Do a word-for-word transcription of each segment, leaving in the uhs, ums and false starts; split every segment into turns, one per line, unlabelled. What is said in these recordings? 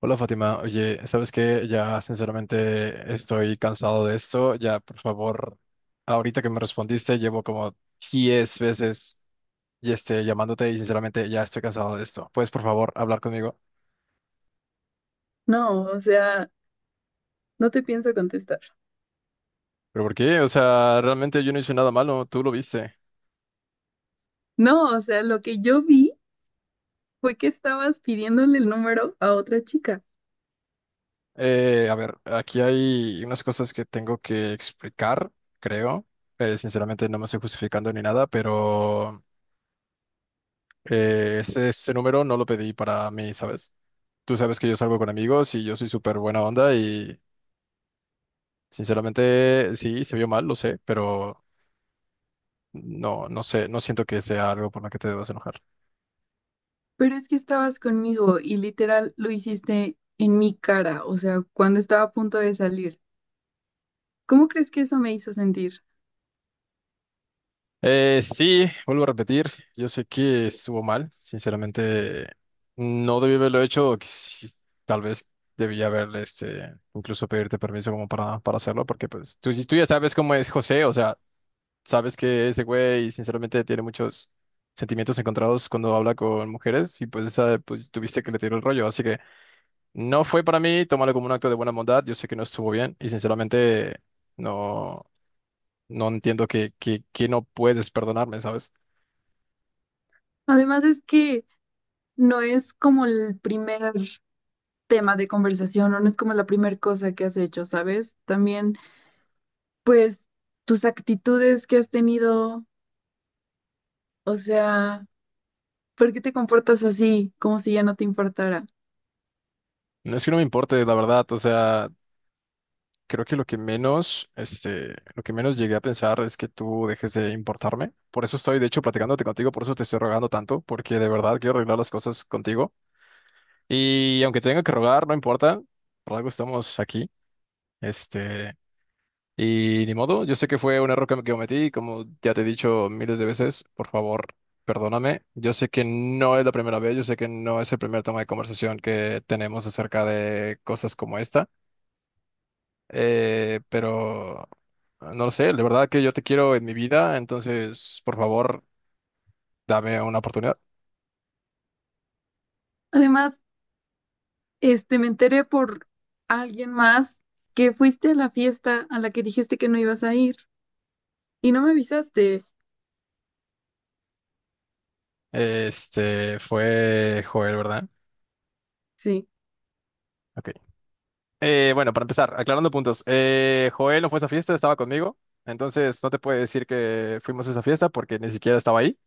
Hola Fátima, oye, ¿sabes qué? Ya sinceramente estoy cansado de esto. Ya, por favor, ahorita que me respondiste, llevo como diez veces y este, llamándote y sinceramente ya estoy cansado de esto. ¿Puedes, por favor, hablar conmigo?
No, o sea, no te pienso contestar.
¿Pero por qué? O sea, realmente yo no hice nada malo, tú lo viste.
No, o sea, lo que yo vi fue que estabas pidiéndole el número a otra chica,
Eh, a ver, aquí hay unas cosas que tengo que explicar, creo. Eh, sinceramente no me estoy justificando ni nada, pero... Eh, ese, ese número no lo pedí para mí, ¿sabes? Tú sabes que yo salgo con amigos y yo soy súper buena onda y sinceramente sí, se vio mal, lo sé, pero no, no sé, no siento que sea algo por lo que te debas enojar.
pero es que estabas conmigo y literal lo hiciste en mi cara, o sea, cuando estaba a punto de salir. ¿Cómo crees que eso me hizo sentir?
Eh, sí, vuelvo a repetir, yo sé que estuvo mal, sinceramente no debí haberlo hecho, o quiz- tal vez debí haberle, este, incluso pedirte permiso como para, para hacerlo, porque pues tú, tú ya sabes cómo es José, o sea... Sabes que ese güey sinceramente tiene muchos sentimientos encontrados cuando habla con mujeres y pues esa pues tuviste que le tiró el rollo, así que no fue para mí, tómalo como un acto de buena bondad, yo sé que no estuvo bien y sinceramente no no entiendo que que, que no puedes perdonarme, ¿sabes?
Además es que no es como el primer tema de conversación o no es como la primera cosa que has hecho, ¿sabes? También, pues, tus actitudes que has tenido, o sea... ¿Por qué te comportas así, como si ya no te importara?
No es que no me importe, la verdad, o sea, creo que lo que menos este lo que menos llegué a pensar es que tú dejes de importarme. Por eso estoy de hecho platicándote contigo, por eso te estoy rogando tanto, porque de verdad quiero arreglar las cosas contigo. Y aunque tenga que rogar, no importa, por algo estamos aquí. Este, y ni modo, yo sé que fue un error que me cometí, como ya te he dicho miles de veces, por favor, perdóname. Yo sé que no es la primera vez, yo sé que no es el primer tema de conversación que tenemos acerca de cosas como esta, eh, pero no lo sé, de verdad que yo te quiero en mi vida, entonces, por favor, dame una oportunidad.
Además, este, me enteré por alguien más que fuiste a la fiesta a la que dijiste que no ibas a ir y no me avisaste.
Este, fue Joel, ¿verdad?
Sí.
Ok. Eh, bueno, para empezar, aclarando puntos. eh, Joel no fue a esa fiesta, estaba conmigo. Entonces no te puedo decir que fuimos a esa fiesta porque ni siquiera estaba ahí.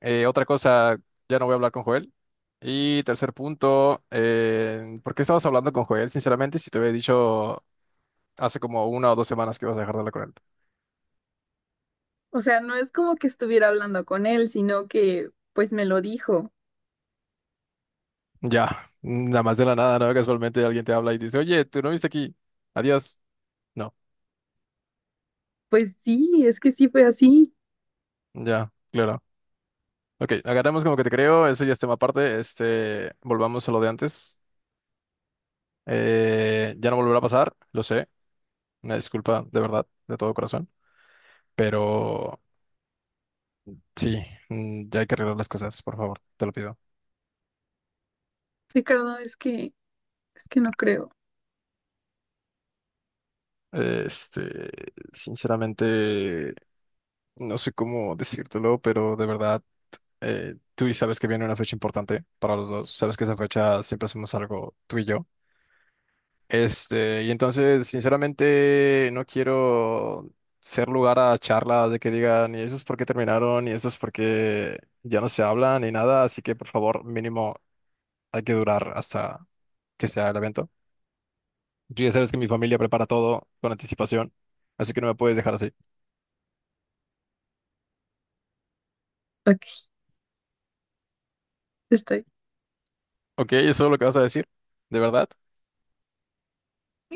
Eh, otra cosa, ya no voy a hablar con Joel. Y tercer punto, eh, ¿por qué estabas hablando con Joel, sinceramente, si te había dicho hace como una o dos semanas que ibas a dejar de hablar con él?
O sea, no es como que estuviera hablando con él, sino que pues me lo dijo.
Ya, nada más de la nada, ¿no? Casualmente alguien te habla y dice, oye, tú no viste aquí. Adiós. No,
Pues sí, es que sí fue así.
ya, claro. Ok, agarramos como que te creo, eso ya es tema aparte. Este, volvamos a lo de antes. Eh, ya no volverá a pasar, lo sé. Una disculpa de verdad, de todo corazón. Pero sí, mm, ya hay que arreglar las cosas, por favor, te lo pido.
Ricardo, es que, es que no creo.
Este, Sinceramente, no sé cómo decírtelo, pero de verdad, eh, tú y sabes que viene una fecha importante para los dos. Sabes que esa fecha siempre hacemos algo tú y yo. Este, y entonces, sinceramente, no quiero ser lugar a charlas de que digan, y eso es porque terminaron, y eso es porque ya no se hablan, ni nada, así que por favor, mínimo, hay que durar hasta que sea el evento. Tú ya sabes que mi familia prepara todo con anticipación, así que no me puedes dejar así.
Ok, estoy.
Ok, ¿eso es lo que vas a decir? ¿De verdad?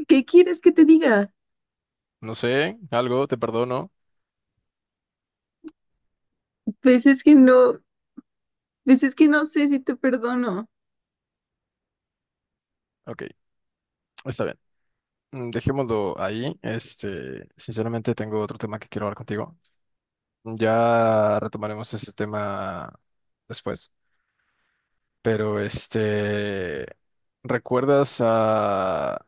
¿Qué quieres que te diga?
No sé, algo, te perdono.
Pues es que no, pues es que no sé si te perdono.
Ok, está bien. Mm, dejémoslo ahí. Este, sinceramente, tengo otro tema que quiero hablar contigo. Ya retomaremos ese tema después. Pero este, ¿recuerdas a,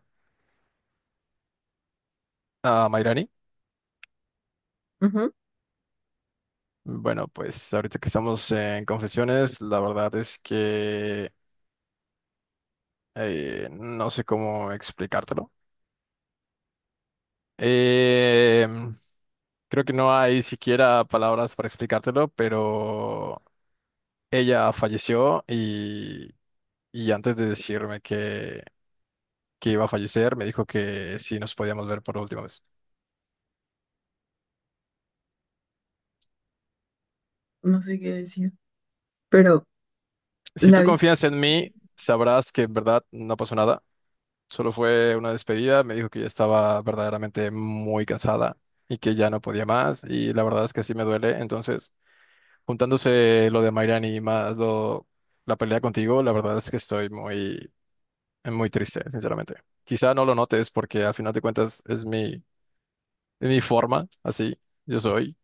a Mairani?
Ujú.
Bueno, pues ahorita que estamos en confesiones, la verdad es que eh, no sé cómo explicártelo. Eh, Creo que no hay siquiera palabras para explicártelo, pero ella falleció y, y antes de decirme que que iba a fallecer, me dijo que sí nos podíamos ver por última vez.
No sé qué decir. Pero
Si
la
tú
viste.
confías en mí, sabrás que en verdad no pasó nada. Solo fue una despedida. Me dijo que ya estaba verdaderamente muy cansada y que ya no podía más. Y la verdad es que sí me duele. Entonces, juntándose lo de Mairani y más lo, la pelea contigo, la verdad es que estoy muy, muy triste, sinceramente. Quizá no lo notes porque al final de cuentas es mi, es mi forma, así yo soy.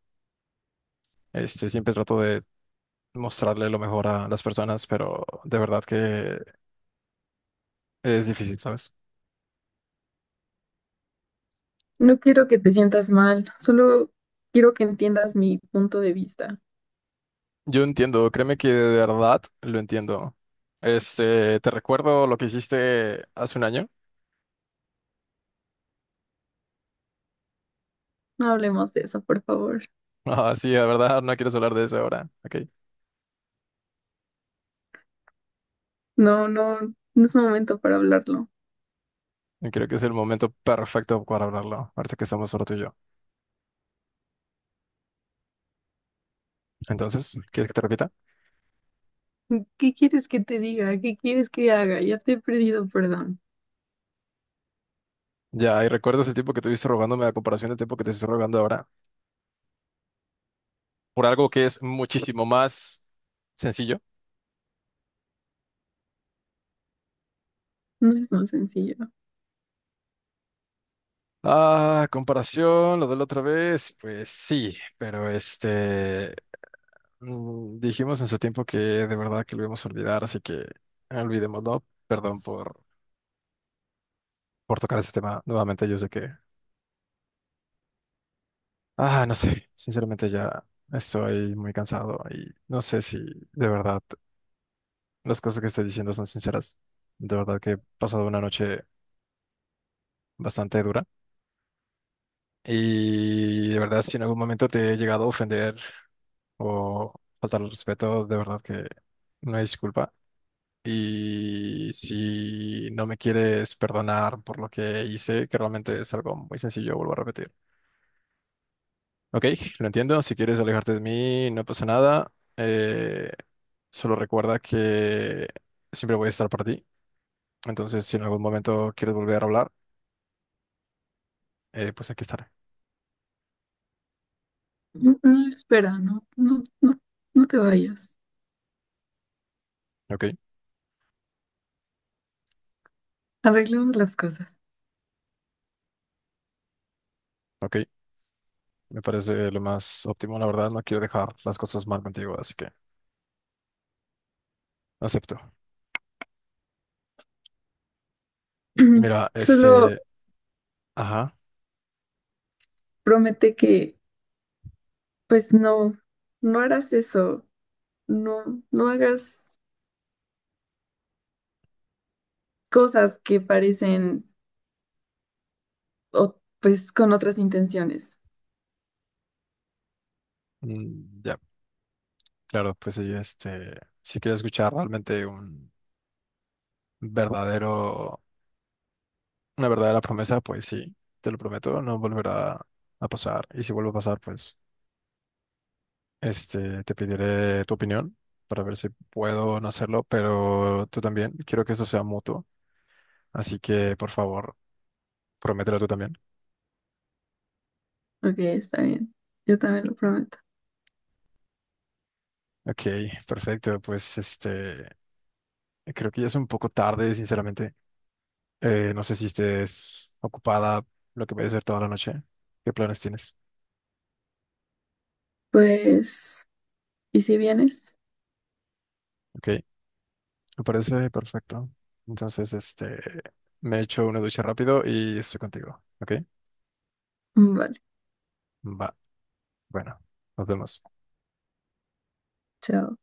Este, siempre trato de mostrarle lo mejor a las personas, pero de verdad que es difícil, ¿sabes?
No quiero que te sientas mal, solo quiero que entiendas mi punto de vista.
Yo entiendo, créeme que de verdad lo entiendo. Este, te recuerdo lo que hiciste hace un año.
No hablemos de eso, por favor.
Ah, sí, de verdad, no quieres hablar de eso ahora. Ok.
No, no, no es momento para hablarlo.
Creo que es el momento perfecto para hablarlo, ahorita que estamos solo tú y yo. Entonces, ¿quieres que te repita?
¿Qué quieres que te diga? ¿Qué quieres que haga? Ya te he pedido perdón.
Ya, y recuerdas el tiempo que tuviste rogándome a comparación del tiempo que te estoy rogando ahora, por algo que es muchísimo más sencillo.
No es tan sencillo.
Ah, comparación, lo de la otra vez, pues sí, pero este, mm, dijimos en su tiempo que de verdad que lo íbamos a olvidar, así que olvidémoslo. Perdón por, por tocar ese tema nuevamente. Yo sé que, ah, no sé, sinceramente ya estoy muy cansado y no sé si de verdad las cosas que estoy diciendo son sinceras. De verdad que he pasado una noche bastante dura y de verdad si en algún momento te he llegado a ofender o faltar al respeto, de verdad que no hay disculpa. Y si no me quieres perdonar por lo que hice, que realmente es algo muy sencillo, vuelvo a repetir. Ok, lo entiendo, si quieres alejarte de mí, no pasa nada. Eh, Solo recuerda que siempre voy a estar para ti. Entonces, si en algún momento quieres volver a hablar, eh, pues aquí estaré.
No, no, espera, no, no, no, no te vayas.
Ok,
Arreglemos las cosas.
ok, me parece lo más óptimo, la verdad, no quiero dejar las cosas mal contigo, así que acepto. Y mira,
Solo
este, ajá.
promete que, pues no, no harás eso. No, no hagas cosas que parecen, o, pues, con otras intenciones.
Mm, ya, claro, pues sí, este, si quieres escuchar realmente un verdadero, una verdadera promesa, pues sí, te lo prometo, no volverá a pasar. Y si vuelve a pasar, pues, este, te pediré tu opinión para ver si puedo o no hacerlo, pero tú también, quiero que esto sea mutuo, así que por favor, promételo tú también.
Ok, está bien. Yo también lo prometo.
Ok, perfecto, pues este, creo que ya es un poco tarde, sinceramente. Eh, no sé si estés ocupada lo que voy a hacer toda la noche. ¿Qué planes tienes?
Pues, ¿y si vienes?
Ok, me parece perfecto. Entonces, este, me echo una ducha rápido y estoy contigo. Ok,
Vale,
va. Bueno, nos vemos.
chao.